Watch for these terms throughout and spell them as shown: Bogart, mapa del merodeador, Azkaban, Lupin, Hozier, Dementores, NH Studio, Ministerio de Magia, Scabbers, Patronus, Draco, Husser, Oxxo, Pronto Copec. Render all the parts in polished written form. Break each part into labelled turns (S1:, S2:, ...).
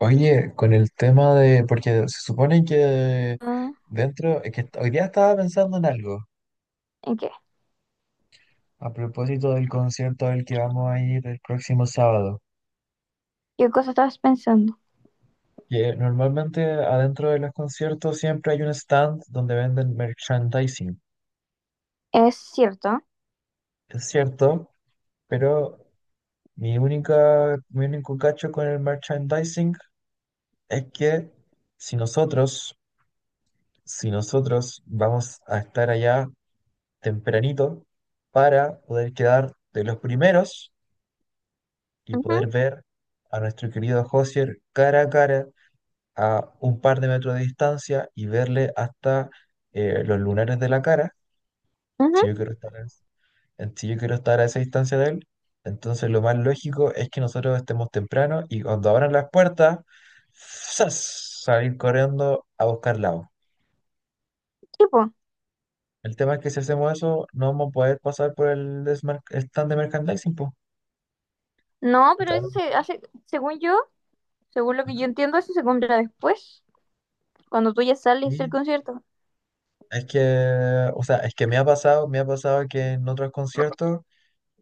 S1: Oye, con el tema de, porque se supone que
S2: Mm.
S1: dentro, es que hoy día estaba pensando en algo
S2: ¿En qué?
S1: a propósito del concierto al que vamos a ir el próximo sábado.
S2: ¿Qué cosa estabas pensando?
S1: Que normalmente adentro de los conciertos siempre hay un stand donde venden merchandising.
S2: Es cierto.
S1: Es cierto, pero mi único cacho con el merchandising es que si nosotros, si nosotros vamos a estar allá tempranito para poder quedar de los primeros y
S2: Ujú.
S1: poder ver a nuestro querido Hosier cara a cara a un par de metros de distancia y verle hasta los lunares de la cara.
S2: Ujú.
S1: Si yo quiero estar a, Si yo quiero estar a esa distancia de él, entonces lo más lógico es que nosotros estemos temprano y cuando abran las puertas, ¡zas!, salir corriendo a buscar lado.
S2: Tipo.
S1: El tema es que si hacemos eso, no vamos a poder pasar por el stand de merchandising, po.
S2: No, pero eso
S1: Claro.
S2: se hace, según yo, según lo que yo entiendo, eso se compra después, cuando tú ya sales del
S1: Sí,
S2: concierto,
S1: es que, o sea, es que me ha pasado que en otros conciertos,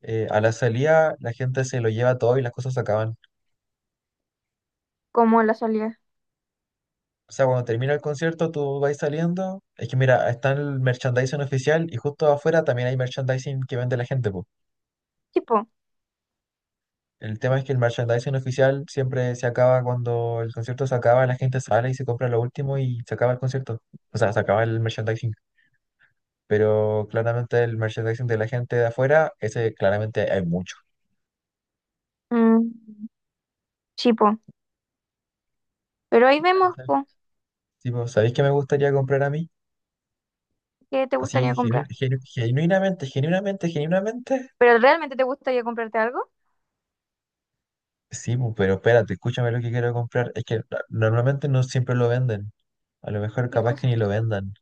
S1: a la salida la gente se lo lleva todo y las cosas se acaban.
S2: como la salida.
S1: O sea, cuando termina el concierto, tú vas saliendo. Es que mira, está el merchandising oficial y justo afuera también hay merchandising que vende la gente, po.
S2: Tipo.
S1: El tema es que el merchandising oficial siempre se acaba cuando el concierto se acaba, la gente sale y se compra lo último y se acaba el concierto. O sea, se acaba el merchandising. Pero claramente el merchandising de la gente de afuera, ese claramente hay mucho.
S2: Mm, sí, po. Pero ahí vemos, po,
S1: Sí, pues, ¿sabéis qué me gustaría comprar a mí?
S2: qué te
S1: Así,
S2: gustaría comprar.
S1: genuinamente, genuinamente, genuinamente.
S2: ¿Pero realmente te gustaría comprarte algo?
S1: Sí, pues, pero espérate, escúchame lo que quiero comprar. Es que normalmente no siempre lo venden. A lo mejor
S2: ¿Qué
S1: capaz que
S2: cosa?
S1: ni lo vendan.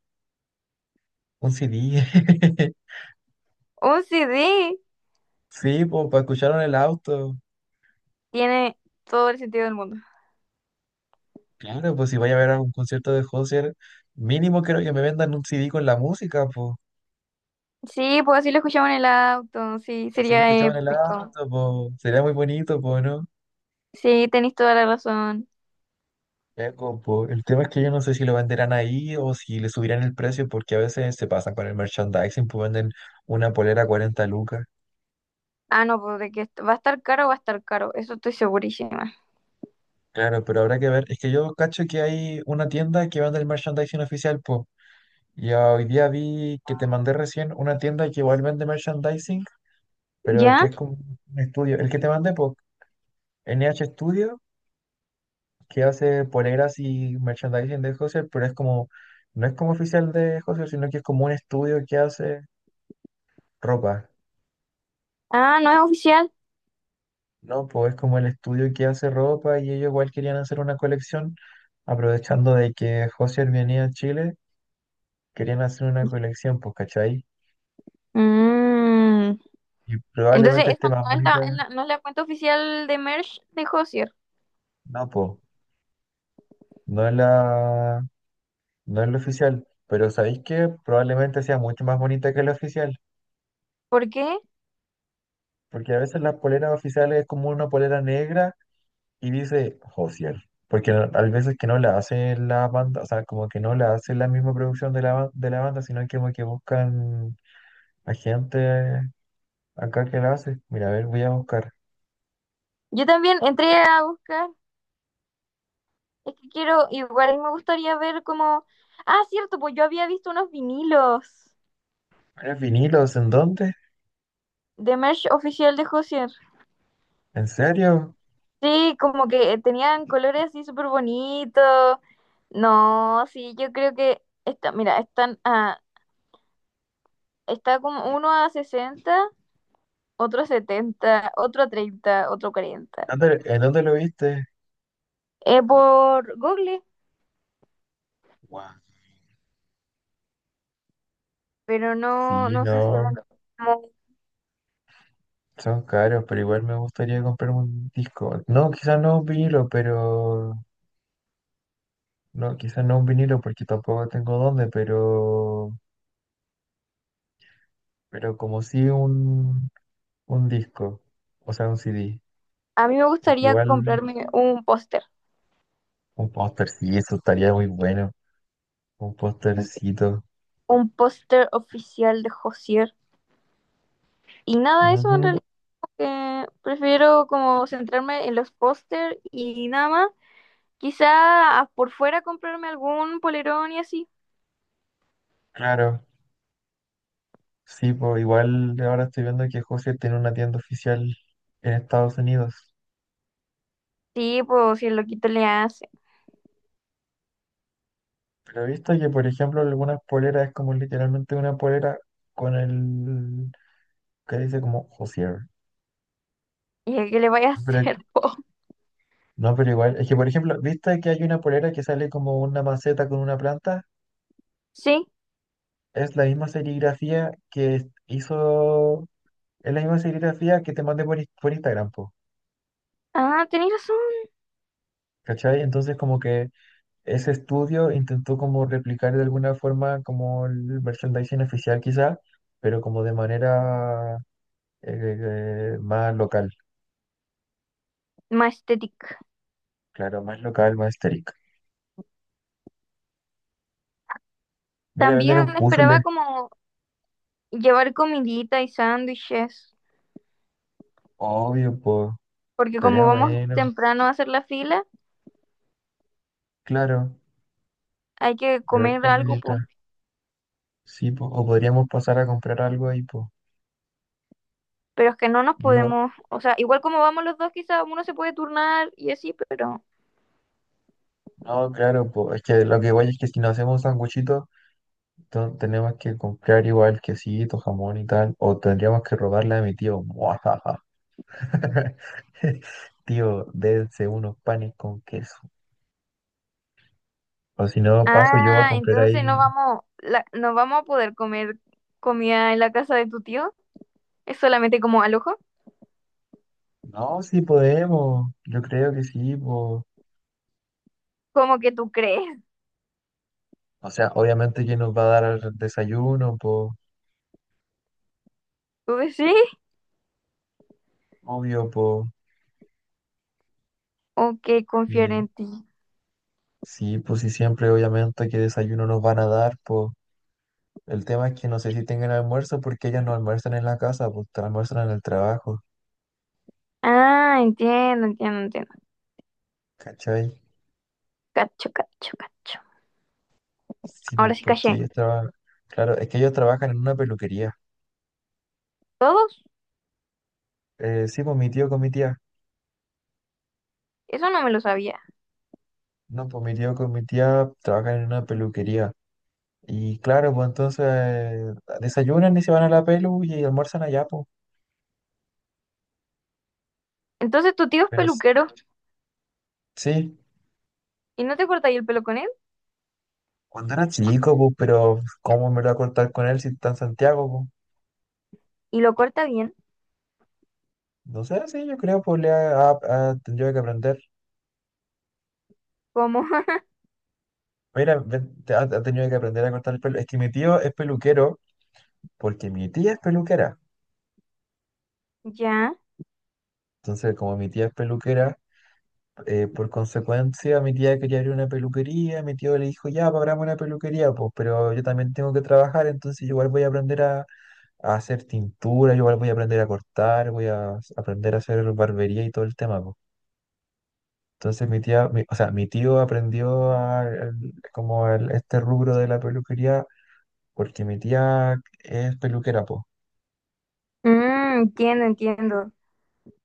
S1: Un CD.
S2: Un CD.
S1: Sí, pues, para escucharlo en el auto.
S2: Tiene todo el sentido del mundo.
S1: Claro, pues si vaya a ver algún concierto de Hozier, mínimo creo que me vendan un CD con la música, pues.
S2: Sí, pues así lo escuchamos en el auto. Sí,
S1: Así lo
S2: sería
S1: escuchaba en el
S2: épico.
S1: auto, pues. Sería muy bonito, pues, no.
S2: Sí, tenéis toda la razón.
S1: Ya, compo, el tema es que yo no sé si lo venderán ahí o si le subirán el precio porque a veces se pasan con el merchandising, pues venden una polera a 40 lucas.
S2: Ah, no, pues de que va a estar caro, va a estar caro, eso estoy segurísima.
S1: Claro, pero habrá que ver. Es que yo cacho que hay una tienda que vende el merchandising oficial, pues. Y hoy día vi que te mandé recién una tienda que igual vende merchandising, pero que
S2: ¿Ya?
S1: es como un estudio. El que te mandé, pues, NH Studio, que hace poleras y merchandising de Husser, pero es como, no es como oficial de Husser, sino que es como un estudio que hace ropa.
S2: Ah, no es oficial.
S1: No, pues es como el estudio que hace ropa y ellos igual querían hacer una colección, aprovechando de que Josier venía a Chile, querían hacer una colección, pues, ¿cachai?
S2: Mm.
S1: Y
S2: Entonces,
S1: probablemente
S2: eso
S1: esté más
S2: no es la,
S1: bonita.
S2: no es la cuenta oficial de merch de Hozier.
S1: No, pues, no es la, no es la oficial, pero ¿sabéis que probablemente sea mucho más bonita que la oficial,
S2: ¿Por qué?
S1: porque a veces las poleras oficiales es como una polera negra y dice Josier, porque a veces que no la hace la banda, o sea, como que no la hace la misma producción de de la banda, sino que como que buscan hay gente acá que la hace. Mira, a ver, voy a buscar.
S2: Yo también entré a buscar, es que quiero, igual me gustaría ver como... Ah, cierto, pues yo había visto unos vinilos
S1: ¿Eres vinilos? ¿En dónde?
S2: de merch oficial de Hozier.
S1: ¿En serio?
S2: Sí, como que tenían colores así súper bonitos. No, sí, yo creo que... Esta, mira, están a. Está como uno a sesenta, otro a 70, otro a 30, otro a 40.
S1: ¿En dónde lo viste?
S2: Es por Google,
S1: Wow.
S2: pero no,
S1: Sí,
S2: no sé si...
S1: no.
S2: como-.
S1: Son caros, pero igual me gustaría comprar un disco. No, quizás no un vinilo, pero... No, quizás no un vinilo porque tampoco tengo dónde, pero... Pero como sí un disco. O sea, un CD.
S2: A mí me
S1: Porque
S2: gustaría
S1: igual
S2: comprarme
S1: un póster, sí, eso estaría muy bueno. Un póstercito.
S2: un póster oficial de Josier. Y nada, de eso en
S1: Ujú.
S2: realidad que prefiero como centrarme en los póster y nada más. Quizá por fuera comprarme algún polerón y así.
S1: Claro. Sí, pues igual ahora estoy viendo que José tiene una tienda oficial en Estados Unidos.
S2: Sí, pues si el loquito le hace.
S1: Pero he visto que, por ejemplo, algunas poleras es como literalmente una polera con el que dice como Josier.
S2: ¿Y a qué le vaya a
S1: No,
S2: hacer, po?
S1: no, pero igual, es que, por ejemplo, ¿viste que hay una polera que sale como una maceta con una planta?
S2: Sí.
S1: Es la misma serigrafía que es- hizo, es la misma serigrafía que te mandé por, por Instagram, po,
S2: Ah, tenéis razón.
S1: ¿cachai? Entonces como que ese estudio intentó como replicar de alguna forma como el merchandising oficial quizá, pero como de manera eh, más local,
S2: Majestic.
S1: claro, más local, más estética. Mira, vender
S2: También
S1: un
S2: esperaba
S1: puzzle,
S2: como llevar comidita y sándwiches,
S1: obvio, pues,
S2: porque como
S1: estaría
S2: vamos
S1: bueno,
S2: temprano a hacer la fila,
S1: claro,
S2: hay que
S1: llevar
S2: comer algo,
S1: comidita,
S2: po.
S1: sí, po, o podríamos pasar a comprar algo ahí, pues.
S2: Pero es que no nos
S1: Digo,
S2: podemos, o sea, igual como vamos los dos, quizás uno se puede turnar y así, pero...
S1: no, claro, pues, es que lo que voy es que si nos hacemos un sanguchito, tenemos que comprar igual quesito, jamón y tal, o tendríamos que robarle a mi tío. Tío, dense unos panes con queso. O si no, paso yo a
S2: Ah,
S1: comprar
S2: entonces no
S1: ahí.
S2: vamos, no vamos a poder comer comida en la casa de tu tío, es solamente como al ojo,
S1: No, sí podemos. Yo creo que sí, po.
S2: como que tú crees,
S1: O sea, obviamente que nos va a dar el desayuno, po.
S2: tú decís,
S1: Obvio, po.
S2: o que confiar
S1: Y
S2: en ti.
S1: sí, pues sí, siempre, obviamente, que desayuno nos van a dar, po. El tema es que no sé si tengan almuerzo porque ellas no almuerzan en la casa, pues almuerzan en el trabajo.
S2: Ah, entiendo, entiendo, entiendo.
S1: ¿Cachai?
S2: Cacho, cacho, cacho.
S1: Sí, pues
S2: Ahora sí
S1: porque
S2: caché.
S1: ellos trabajan. Claro, es que ellos trabajan en una peluquería.
S2: ¿Todos?
S1: Sí, pues mi tío con mi tía.
S2: Eso no me lo sabía.
S1: No, pues mi tío con mi tía trabajan en una peluquería. Y claro, pues entonces desayunan y se van a la pelu y almuerzan allá, pues.
S2: Entonces tu tío es
S1: Pero s-
S2: peluquero
S1: sí,
S2: y no te corta ahí el pelo con él
S1: cuando era chico, pues, pero ¿cómo me lo voy a cortar con él si está en Santiago, pues?
S2: y lo corta bien.
S1: No sé, sí, yo creo, pues, ha tenido que aprender.
S2: ¿Cómo?
S1: Mira, ven, ha tenido que aprender a cortar el pelo. Es que mi tío es peluquero porque mi tía es peluquera.
S2: Ya.
S1: Entonces, como mi tía es peluquera, por consecuencia, mi tía quería abrir una peluquería, mi tío le dijo, ya, pues, abramos una peluquería, pues, pero yo también tengo que trabajar, entonces yo igual voy a a hacer tintura, yo igual voy a aprender a cortar, voy a aprender a hacer barbería y todo el tema, pues. Entonces o sea, mi tío aprendió como este rubro de la peluquería porque mi tía es peluquera, pues,
S2: Mm, entiendo, entiendo.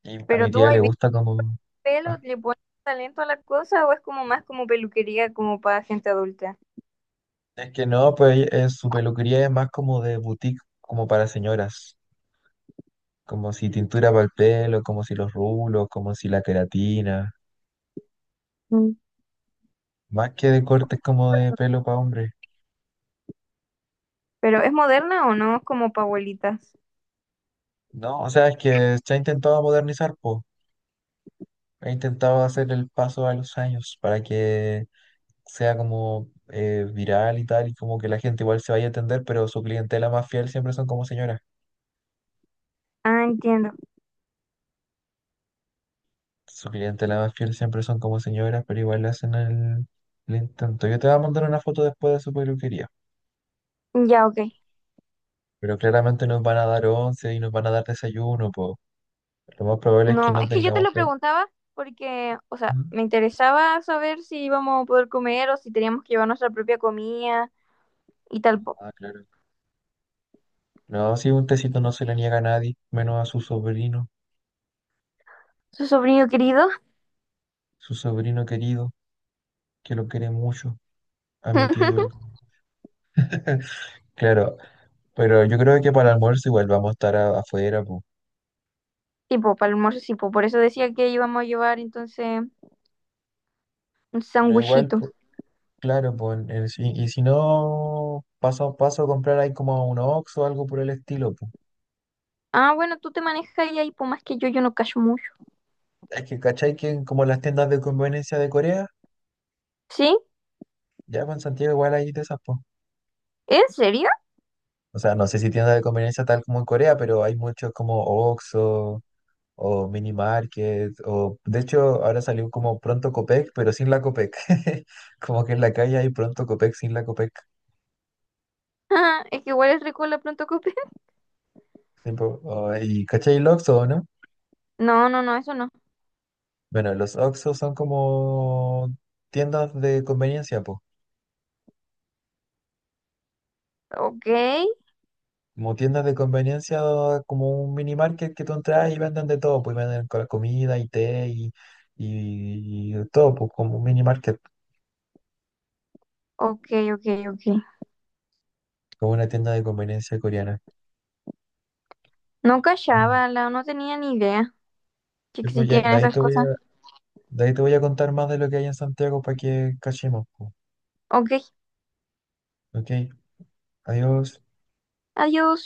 S1: y a
S2: Pero
S1: mi
S2: tú
S1: tía
S2: ahí
S1: le
S2: ves
S1: gusta como...
S2: pelo,
S1: ah,
S2: le pones talento a la cosa o es como más como peluquería como para gente adulta.
S1: es que no, pues su peluquería es más como de boutique, como para señoras. Como si tintura para el pelo, como si los rulos, como si la queratina.
S2: Mm.
S1: Más que de cortes como de pelo para hombre.
S2: Pero ¿es moderna o no? Es como para abuelitas.
S1: No, o sea, es que se ha intentado modernizar, po. Ha intentado hacer el paso a los años para que sea como viral y tal, y como que la gente igual se vaya a atender, pero su clientela más fiel siempre son como señoras.
S2: Ah, entiendo.
S1: Su clientela más fiel siempre son como señoras, pero igual le hacen el intento. Yo te voy a mandar una foto después de su peluquería.
S2: Ya, ok.
S1: Pero claramente nos van a dar once y nos van a dar desayuno, po. Lo más probable es que
S2: No,
S1: no
S2: es que yo te
S1: tengamos
S2: lo
S1: que...
S2: preguntaba porque, o sea,
S1: Ujú.
S2: me interesaba saber si íbamos a poder comer o si teníamos que llevar nuestra propia comida y tal, po.
S1: Ah, claro. No, si un tecito no se le niega a nadie, menos a
S2: Su sobrino querido.
S1: su sobrino querido, que lo quiere mucho. A mi tío yo lo... Claro, pero yo creo que para el almuerzo igual vamos a estar afuera, po.
S2: Tipo, para el almuerzo, sí, po. Por eso decía que íbamos a llevar entonces un
S1: Pero igual,
S2: sándwichito.
S1: po, claro, pues y si no, paso a comprar ahí como un Oxxo o algo por el estilo, po.
S2: Ah, bueno, tú te manejas ahí, ahí, pues más que yo no cacho mucho.
S1: Es que, ¿cachai? Que en como las tiendas de conveniencia de Corea,
S2: ¿Sí?
S1: ya con Santiago igual hay de esas, po.
S2: ¿En serio?
S1: O sea, no sé si tiendas de conveniencia tal como en Corea, pero hay muchos como Oxxo o Mini Market o de hecho ahora salió como Pronto Copec, pero sin la Copec. Como que en la calle hay Pronto Copec sin la Copec.
S2: Ah, es que igual es rico la pronto cope.
S1: Tipo, oh, y ¿cachai el Oxxo, no?
S2: No, no, no, eso no.
S1: Bueno, los Oxxo son como tiendas de conveniencia, pues.
S2: Ok,
S1: Como tiendas de conveniencia, como un mini market que tú entras y venden de todo, pues venden comida y té y todo, pues como un mini market,
S2: ok, ok, ok.
S1: como una tienda de conveniencia coreana.
S2: No
S1: Bueno,
S2: cachaba, la, no tenía ni idea que
S1: sí, pues
S2: existían
S1: de ahí
S2: esas
S1: te voy
S2: cosas.
S1: de ahí te voy a contar más de lo que hay en Santiago para que cachemos, pues.
S2: Ok,
S1: Ok, adiós.
S2: adiós.